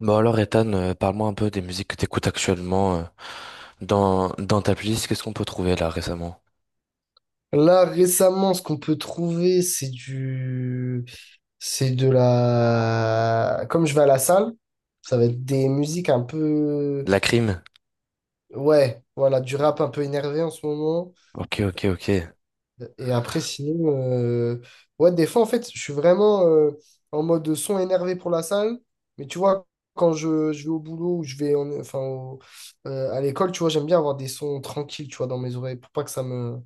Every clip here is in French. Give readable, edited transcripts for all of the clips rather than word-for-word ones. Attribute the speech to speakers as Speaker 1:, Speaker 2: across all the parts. Speaker 1: Bon alors Ethan, parle-moi un peu des musiques que t'écoutes actuellement, dans ta playlist. Qu'est-ce qu'on peut trouver là récemment?
Speaker 2: Là, récemment, ce qu'on peut trouver, c'est du... C'est de la... Comme je vais à la salle, ça va être des musiques un peu...
Speaker 1: La crime?
Speaker 2: Ouais, voilà, du rap un peu énervé en ce moment.
Speaker 1: Ok, ok, ok.
Speaker 2: Et après, sinon... Ouais, des fois, en fait, je suis vraiment en mode son énervé pour la salle. Mais tu vois, quand je vais au boulot ou je vais en- enfin, au- à l'école, tu vois, j'aime bien avoir des sons tranquilles, tu vois, dans mes oreilles pour pas que ça me...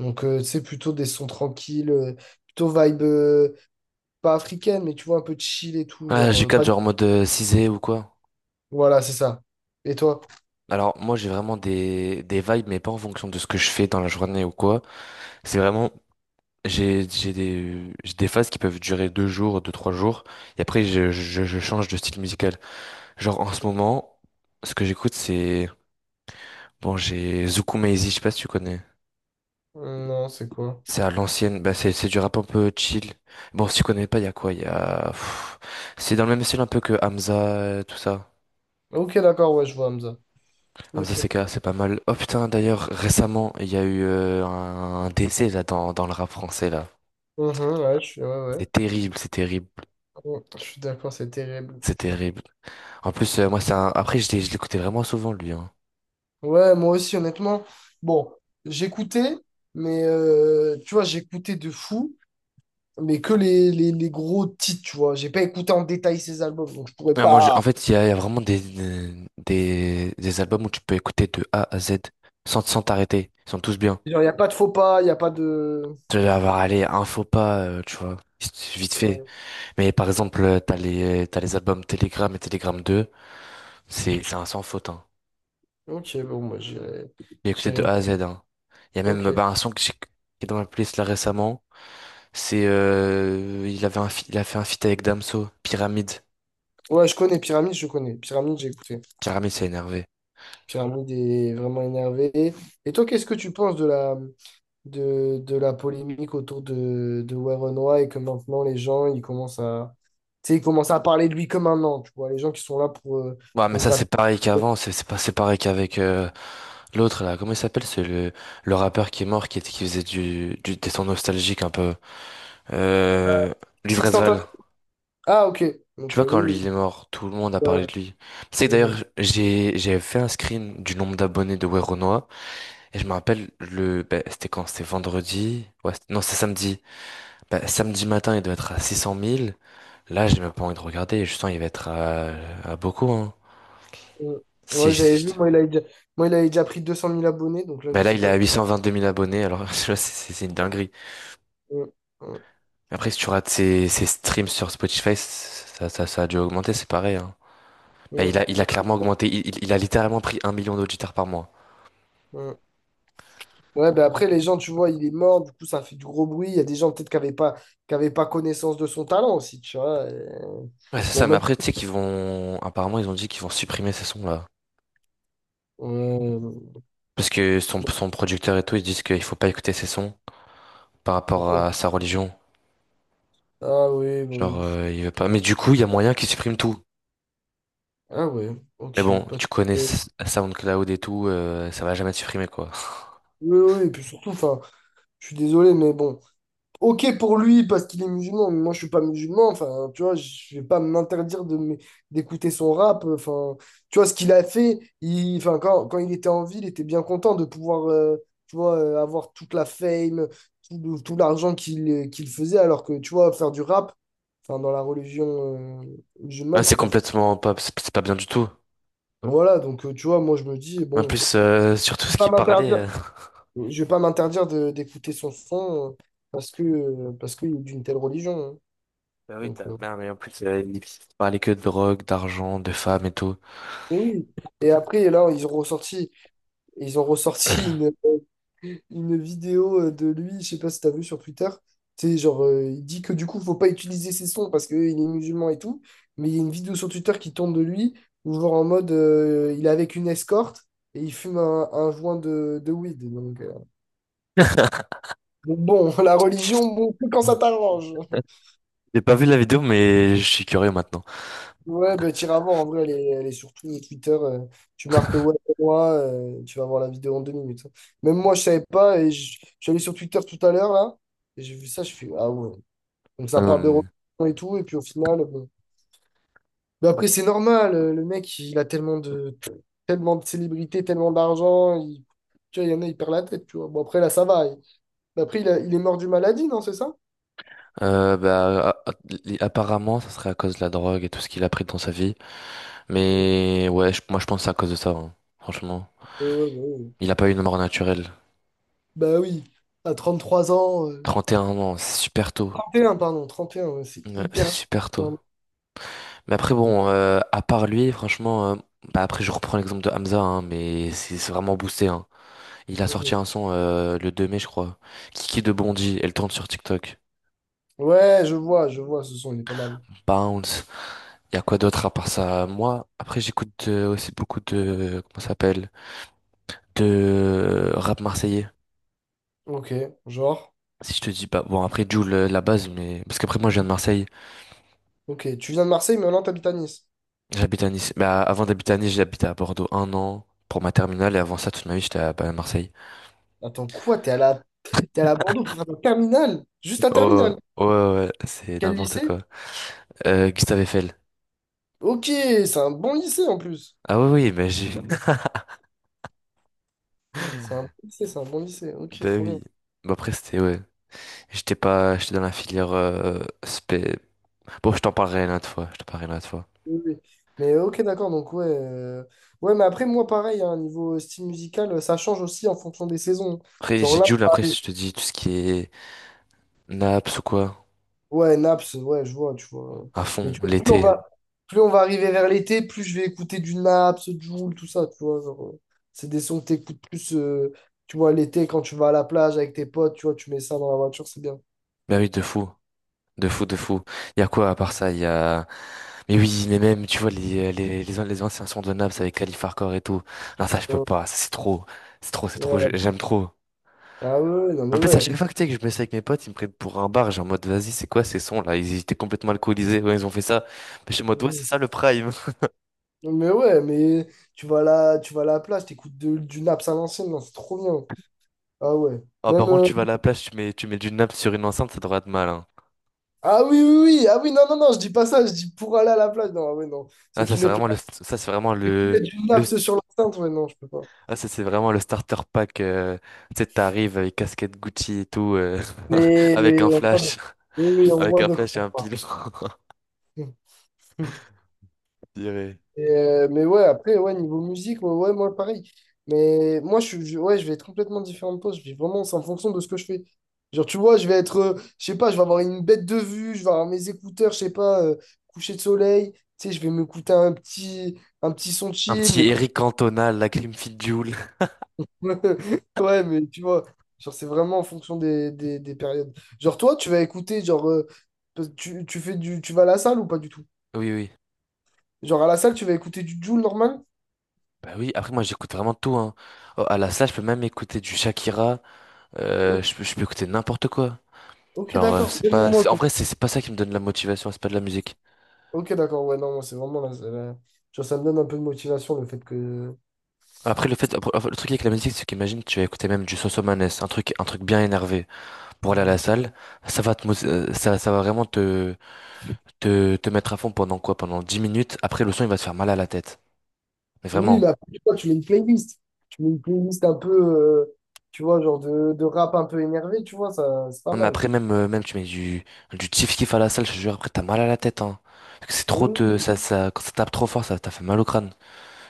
Speaker 2: Donc, c'est plutôt des sons tranquilles, plutôt vibe, pas africaine, mais tu vois, un peu chill et tout.
Speaker 1: Ah
Speaker 2: Genre,
Speaker 1: je capte
Speaker 2: pas...
Speaker 1: genre en mode cisé ou quoi?
Speaker 2: Voilà, c'est ça. Et toi?
Speaker 1: Alors moi j'ai vraiment des vibes mais pas en fonction de ce que je fais dans la journée ou quoi. C'est vraiment, j'ai des phases qui peuvent durer deux jours, deux trois jours, et après je change de style musical. Genre en ce moment, ce que j'écoute, c'est, bon, j'ai Zouk Maizy, je sais pas si tu connais.
Speaker 2: Non, c'est quoi?
Speaker 1: C'est à l'ancienne, bah c'est du rap un peu chill. Bon, si tu connais pas, il y a quoi? Il y a... pff, C'est dans le même style un peu que Hamza, tout ça.
Speaker 2: Ok, d'accord, ouais, je vois Hamza.
Speaker 1: Hamza
Speaker 2: Ok.
Speaker 1: CK, c'est pas mal. Oh putain, d'ailleurs, récemment, il y a eu un décès là, dans le rap français là.
Speaker 2: Mhm, ouais, je suis, ouais, ouais.
Speaker 1: C'est terrible, c'est terrible,
Speaker 2: Ouais, je suis d'accord, c'est terrible.
Speaker 1: c'est terrible. En plus, moi, après, je l'écoutais vraiment souvent lui. Hein.
Speaker 2: Ouais, moi aussi, honnêtement. Bon, j'écoutais, mais tu vois, j'écoutais de fou, mais que les gros titres, tu vois. J'ai pas écouté en détail ces albums, donc je pourrais
Speaker 1: Ah, moi,
Speaker 2: pas.
Speaker 1: en fait, il y a vraiment des albums où tu peux écouter de A à Z sans t'arrêter. Ils sont tous bien.
Speaker 2: Genre, il n'y a pas de faux pas, il n'y a pas de.
Speaker 1: Tu vas avoir, allez, un faux pas, tu vois, vite vite fait. Mais par exemple, t'as les albums Telegram et Telegram 2, c'est un sans faute, hein.
Speaker 2: Ok, bon, moi j'irai.
Speaker 1: J'ai écouté de
Speaker 2: J'irai.
Speaker 1: A à Z, hein. Il y a même,
Speaker 2: Ok.
Speaker 1: bah, un son qui est dans ma playlist là récemment, c'est, il avait il a fait un feat avec Damso, Pyramide.
Speaker 2: Ouais, je connais. Pyramide, j'ai écouté.
Speaker 1: Pyramide, c'est énervé.
Speaker 2: Pyramide est vraiment énervé. Et toi, qu'est-ce que tu penses de la, de la polémique autour de Warren White, et que maintenant les gens, ils commencent à, tu sais, ils commencent à parler de lui comme un an, tu vois, les gens qui sont là
Speaker 1: Ouais, mais
Speaker 2: pour
Speaker 1: ça
Speaker 2: gratter.
Speaker 1: c'est pareil qu'avant, c'est pas c'est pareil qu'avec l'autre là, comment il s'appelle? C'est le rappeur qui est mort, qui faisait du des sons nostalgiques un peu. Euh, Luvresval.
Speaker 2: Sextantation. Ah, ok.
Speaker 1: Tu
Speaker 2: Ok,
Speaker 1: vois, quand
Speaker 2: oui,
Speaker 1: lui
Speaker 2: oui.
Speaker 1: il est mort, tout le monde a
Speaker 2: Ouais,
Speaker 1: parlé
Speaker 2: ouais.
Speaker 1: de lui. C'est que
Speaker 2: Mhm.
Speaker 1: d'ailleurs, j'ai fait un screen du nombre d'abonnés de Weronoa. Et je me rappelle, le ben, c'était quand? C'était vendredi? Ouais, non, c'est samedi. Ben, samedi matin, il devait être à 600 000. Là, j'ai même pas envie de regarder. Je sens qu'il va être à beaucoup. Hein.
Speaker 2: Mhm.
Speaker 1: Si,
Speaker 2: Ouais,
Speaker 1: si,
Speaker 2: j'avais vu, moi il, a déjà... Moi, il avait déjà pris 200 000 abonnés, donc là,
Speaker 1: ben
Speaker 2: je
Speaker 1: là,
Speaker 2: sais
Speaker 1: il
Speaker 2: pas.
Speaker 1: est à 2 000 abonnés. Alors, tu vois, c'est une dinguerie.
Speaker 2: Mhm.
Speaker 1: Mais après, si tu rates ses streams sur Spotify, ça a dû augmenter. C'est pareil. Hein. Ben,
Speaker 2: Mhm.
Speaker 1: il a clairement augmenté. Il a littéralement pris 1 million d'auditeurs par mois.
Speaker 2: Mhm. Ouais, ben après, les gens, tu vois, il est mort, du coup, ça fait du gros bruit. Il y a des gens peut-être qui n'avaient pas, qui avaient pas connaissance de son talent aussi, tu vois.
Speaker 1: Ouais, c'est
Speaker 2: Bon,
Speaker 1: ça, mais
Speaker 2: même.
Speaker 1: après, tu sais qu'ils vont. Apparemment, ils ont dit qu'ils vont supprimer ces sons-là.
Speaker 2: euh,
Speaker 1: Parce que son producteur et tout, ils disent qu'il faut pas écouter ces sons par rapport
Speaker 2: Pourquoi?
Speaker 1: à sa religion.
Speaker 2: Ah oui, bon.
Speaker 1: Genre, il veut pas. Mais du coup, il y a moyen qu'ils suppriment tout.
Speaker 2: Ah ouais,
Speaker 1: Mais
Speaker 2: ok.
Speaker 1: bon,
Speaker 2: Parce
Speaker 1: tu connais
Speaker 2: que-
Speaker 1: SoundCloud et tout, ça va jamais être supprimé, quoi.
Speaker 2: oui, oui, et puis surtout, enfin, je suis désolé, mais bon. Ok pour lui parce qu'il est musulman, mais moi je suis pas musulman, enfin tu vois, je vais pas m'interdire de m- d'écouter son rap, enfin tu vois ce qu'il a fait, il, enfin quand, quand il était en ville, il était bien content de pouvoir tu vois avoir toute la fame, tout, le- tout l'argent qu'il faisait alors que tu vois faire du rap, enfin dans la religion euh,
Speaker 1: Ouais,
Speaker 2: musulmane,
Speaker 1: c'est
Speaker 2: c'est pas
Speaker 1: complètement pas. C'est pas bien du tout.
Speaker 2: voilà, donc tu vois, moi je me dis
Speaker 1: En
Speaker 2: bon,
Speaker 1: plus, sur tout
Speaker 2: je
Speaker 1: ce
Speaker 2: vais
Speaker 1: qui
Speaker 2: pas
Speaker 1: parlait.
Speaker 2: m'interdire, je vais pas m'interdire de- d'écouter son parce que parce qu'il est d'une telle religion. Hein.
Speaker 1: Bah oui,
Speaker 2: Donc,
Speaker 1: bah, mais en plus, il parlait que de drogue, d'argent, de femmes et tout.
Speaker 2: et oui. Et après, là, ils ont ressorti une vidéo de lui, je sais pas si t'as vu sur Twitter. Tu sais, genre, il dit que du coup, faut pas utiliser ses sons parce qu'il est musulman et tout. Mais il y a une vidéo sur Twitter qui tourne de lui, où genre en mode, il est avec une escorte et il fume un joint de weed. Donc bon, la religion, bon, que quand ça t'arrange.
Speaker 1: J'ai pas vu la vidéo, mais je suis curieux maintenant.
Speaker 2: Ouais, bah, t'iras voir, en vrai, elle est surtout Twitter. Tu marques ouais, moi, tu vas voir la vidéo en 2 minutes. Hein. Même moi, je savais pas, et je suis allé sur Twitter tout à l'heure, là, et j'ai vu ça, je fais, ah ouais. Donc
Speaker 1: Ah
Speaker 2: ça parle de
Speaker 1: non,
Speaker 2: Robinson et tout, et puis au final, bon. Mais après, c'est normal, le mec, il a tellement de célébrités, tellement d'argent, il, tu vois, il y en a, il perd la tête, tu vois. Bon, après, là, ça va. Il- mais après, il, a- il est mort d'une maladie, non, c'est ça?
Speaker 1: Bah, apparemment, ça serait à cause de la drogue et tout ce qu'il a pris dans sa vie. Mais ouais, moi je pense que c'est à cause de ça, hein. Franchement.
Speaker 2: Ouais, ouais, ouais.
Speaker 1: Il a pas eu une mort naturelle.
Speaker 2: Bah oui, à 33 ans.
Speaker 1: 31 ans, c'est super tôt.
Speaker 2: 31, pardon, 31, ouais, c'est
Speaker 1: Ouais, c'est
Speaker 2: hyper... cher.
Speaker 1: super tôt. Mais après, bon, à part lui, franchement, bah après, je reprends l'exemple de Hamza, hein, mais c'est vraiment boosté, hein. Il a sorti
Speaker 2: Mhm.
Speaker 1: un son le 2 mai, je crois. Kiki de Bondy, elle tourne sur TikTok.
Speaker 2: Ouais, je vois, ce son, il est pas mal.
Speaker 1: Bounce. Il y a quoi d'autre à part ça? Moi, après, j'écoute, aussi beaucoup de. Comment ça s'appelle? De rap marseillais.
Speaker 2: Ok, genre...
Speaker 1: Si je te dis, bah bon, après Jul, la base, mais parce qu'après moi je viens de
Speaker 2: Mhm.
Speaker 1: Marseille,
Speaker 2: Ok, tu viens de Marseille, mais maintenant t'habites à Nice.
Speaker 1: j'habite à Nice. Bah, avant d'habiter à Nice, j'habitais à Bordeaux un an pour ma terminale et avant ça toute ma vie j'étais à, bah, à Marseille.
Speaker 2: Attends, quoi? T'es à la Bordeaux pour faire un terminal? Juste un
Speaker 1: Oh
Speaker 2: terminal?
Speaker 1: ouais, ouais, ouais, c'est
Speaker 2: Quel
Speaker 1: n'importe
Speaker 2: lycée?
Speaker 1: quoi. Gustave Eiffel.
Speaker 2: Ok, c'est un bon lycée en plus.
Speaker 1: Ah oui, oui, mais j'ai.
Speaker 2: C'est un bon lycée, c'est un bon lycée. Ok,
Speaker 1: Bah
Speaker 2: trop bien.
Speaker 1: oui. Bah après c'était ouais. J'étais pas, j'étais dans la filière bon, je t'en parlerai une autre fois. Je t'en parlerai une autre fois.
Speaker 2: Oui, oui. Mais ok, d'accord, donc ouais. Ouais, mais après, moi, pareil, hein, niveau style musical, ça change aussi en fonction des saisons.
Speaker 1: Après
Speaker 2: Genre
Speaker 1: j'ai
Speaker 2: là,
Speaker 1: Jul. Après je te dis tout ce qui est Naps ou quoi
Speaker 2: ouais, Naps, ouais, je vois, tu vois.
Speaker 1: à
Speaker 2: Mais
Speaker 1: fond
Speaker 2: tu vois,
Speaker 1: l'été.
Speaker 2: plus on va arriver vers l'été, plus je vais écouter du Naps, Jul, tout ça, tu vois. Genre, c'est des sons que t'écoutes plus, tu vois, l'été, quand tu vas à la plage avec tes potes, tu vois, tu mets ça dans la voiture, c'est bien.
Speaker 1: Bah oui de fou. De fou, de fou. Il y a quoi à part ça? Il y a. Mais oui, mais même, tu vois, les anciens sons de Naps avec Calif Hardcore et tout. Non, ça, je peux
Speaker 2: Ouais.
Speaker 1: pas. Ça, c'est trop. C'est trop, c'est trop.
Speaker 2: Ouais.
Speaker 1: J'aime trop.
Speaker 2: Ah ouais, ouais, non mais
Speaker 1: En plus, à
Speaker 2: ouais.
Speaker 1: chaque fois que, tu sais, que je me suis avec mes potes, ils me prennent pour un bar. J'ai en mode, vas-y, c'est quoi ces sons là? Ils étaient complètement alcoolisés. Ouais, ils ont fait ça. Mais je suis en mode, ouais, c'est
Speaker 2: Mhm.
Speaker 1: ça le prime.
Speaker 2: Non, mais ouais, mais tu vas là, tu vas à la plage, t'écoutes de- du Naps à l'ancienne, non, c'est trop bien. Ah ouais.
Speaker 1: Ah,
Speaker 2: Même
Speaker 1: par contre, tu vas à la plage, tu mets du Naps sur une enceinte, ça devrait être mal. Hein.
Speaker 2: ah oui, oui, oui, ah oui, non, non, non, je dis pas ça, je dis pour aller à la plage. Non, ah ouais, non. Ceux qui mettent,
Speaker 1: C'est vraiment
Speaker 2: la- mettent du
Speaker 1: le,
Speaker 2: Naps sur l'enceinte, ouais, non, je peux pas.
Speaker 1: Ah, ça, c'est vraiment le starter pack. Tu sais, t'arrives avec casquette Gucci et tout,
Speaker 2: Mais
Speaker 1: avec
Speaker 2: mais
Speaker 1: un
Speaker 2: on voit,
Speaker 1: flash,
Speaker 2: oui, oui, on
Speaker 1: avec
Speaker 2: voit
Speaker 1: un
Speaker 2: de quoi
Speaker 1: flash et
Speaker 2: on
Speaker 1: un
Speaker 2: parle.
Speaker 1: pilon. Je dirais.
Speaker 2: Et, mais ouais, après, ouais, niveau musique, ouais, ouais, moi pareil. Mais moi, je, suis- je- ouais, je vais être complètement différent de toi. Je vais vraiment, c'est en fonction de ce que je fais. Genre, tu vois, je vais être, je sais pas, je vais avoir une bête de vue, je vais avoir mes écouteurs, je sais pas, coucher de soleil. Tu sais, je vais m'écouter un petit son
Speaker 1: Un
Speaker 2: chill,
Speaker 1: petit
Speaker 2: mais pas...
Speaker 1: Eric Cantona, la Clim Joule.
Speaker 2: Ouais, mais tu vois, genre, c'est vraiment en fonction des périodes. Genre, toi, tu vas écouter, genre, tu, tu fais du, tu vas à la salle ou pas du tout?
Speaker 1: Oui, oui.
Speaker 2: Genre à la salle, tu vas écouter du Jul normal?
Speaker 1: Bah oui, après, moi, j'écoute vraiment tout, hein. Oh, à la salle, je peux même écouter du Shakira.
Speaker 2: O-
Speaker 1: Je peux écouter n'importe quoi.
Speaker 2: ok,
Speaker 1: Genre,
Speaker 2: d'accord.
Speaker 1: c'est
Speaker 2: Même
Speaker 1: pas,
Speaker 2: moi,
Speaker 1: en
Speaker 2: quoi.
Speaker 1: vrai, c'est pas ça qui me donne la motivation, c'est pas de la musique.
Speaker 2: Ok, d'accord. Ouais, non, moi, c'est vraiment. La- la- genre, ça me donne un peu de motivation le fait que.
Speaker 1: Après, le fait, après, le truc avec la musique, c'est qu'imagine, tu vas écouter même du Sosomanes, un truc bien énervé. Pour aller à la
Speaker 2: Mhm.
Speaker 1: salle, ça va vraiment te, mettre à fond pendant quoi? Pendant 10 minutes. Après, le son, il va te faire mal à la tête. Mais
Speaker 2: Oui, mais
Speaker 1: vraiment.
Speaker 2: après, tu vois, tu mets une playlist. Tu mets une playlist un peu. Tu vois, genre de rap un peu énervé, tu vois, ça, c'est pas
Speaker 1: Non, mais
Speaker 2: mal.
Speaker 1: après, même, même tu mets du kiff kiff à la salle, je te jure, après, t'as mal à la tête, hein. Parce que c'est trop de,
Speaker 2: Oui.
Speaker 1: ça, quand ça tape trop fort, ça t'a fait mal au crâne.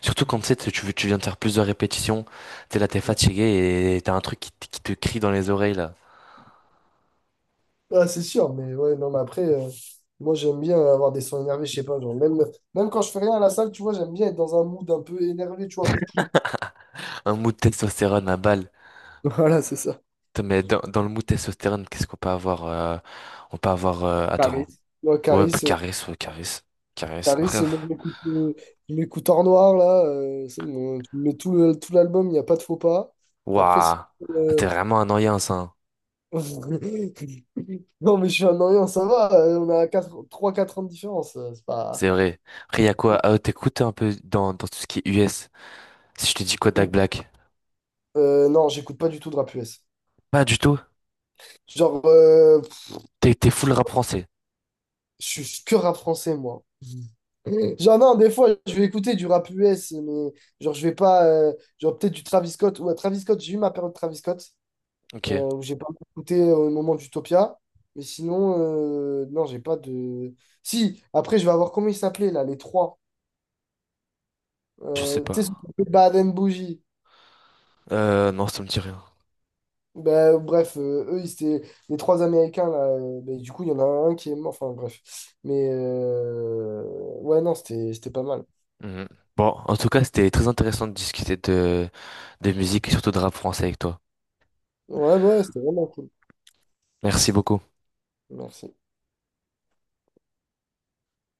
Speaker 1: Surtout quand, tu sais, tu viens de faire plusieurs répétitions, t'es là, t'es
Speaker 2: Ouais.
Speaker 1: fatigué et t'as un truc qui te crie dans les oreilles, là.
Speaker 2: Ah, c'est sûr, mais ouais, non, mais après, moi j'aime bien avoir des sons énervés, je sais pas, genre même, même quand je fais rien à la salle, tu vois, j'aime bien être dans un mood un peu énervé, tu vois, pour tout.
Speaker 1: Un mou de testostérone à balle.
Speaker 2: Voilà, c'est ça.
Speaker 1: Putain, mais dans le mou de testostérone, qu'est-ce qu'on peut avoir, attends.
Speaker 2: Caris. Ouais,
Speaker 1: Ouais, bah,
Speaker 2: Caris,
Speaker 1: Caresse, ouais, Caresse, Caresse. Après,
Speaker 2: Caris, moi je m'écoute Art Noir là, c'est mon- tu mets tout le- tout l'album, il n'y a pas de faux pas. Après, si.
Speaker 1: waouh,
Speaker 2: euh,
Speaker 1: t'es vraiment un annoyance, hein.
Speaker 2: non, mais je suis un Orient, ça va, on a trois quatre ans de différence, c'est pas.
Speaker 1: C'est vrai. Après, y a quoi? T'écoutes un peu dans tout ce qui est US. Si je te dis Kodak Black.
Speaker 2: Non, j'écoute pas du tout de rap US.
Speaker 1: Pas du tout.
Speaker 2: Genre,
Speaker 1: T'es full rap français.
Speaker 2: je suis que rap français moi. Genre, non, des fois, je vais écouter du rap US, mais genre, je vais pas. Genre, peut-être du Travis Scott. Ouais, Travis Scott, j'ai eu ma période Travis Scott.
Speaker 1: Ok,
Speaker 2: Où j'ai pas mal écouté au moment d'Utopia. Mais sinon, non, j'ai pas de. Si, après, je vais avoir comment ils s'appelaient là, les trois.
Speaker 1: je sais pas.
Speaker 2: Tu sais, ceux qui Baden Bougie.
Speaker 1: Non, ça me dit rien.
Speaker 2: Ben, bref, eux, ils étaient les trois Américains là. Ben, du coup, il y en a un qui est mort. Enfin, bref. Mais ouais, non, c'était pas mal.
Speaker 1: Mhm. Bon, en tout cas, c'était très intéressant de discuter de musique et surtout de rap français avec toi.
Speaker 2: Ouais, ouais, c'était vraiment cool.
Speaker 1: Merci beaucoup.
Speaker 2: Merci.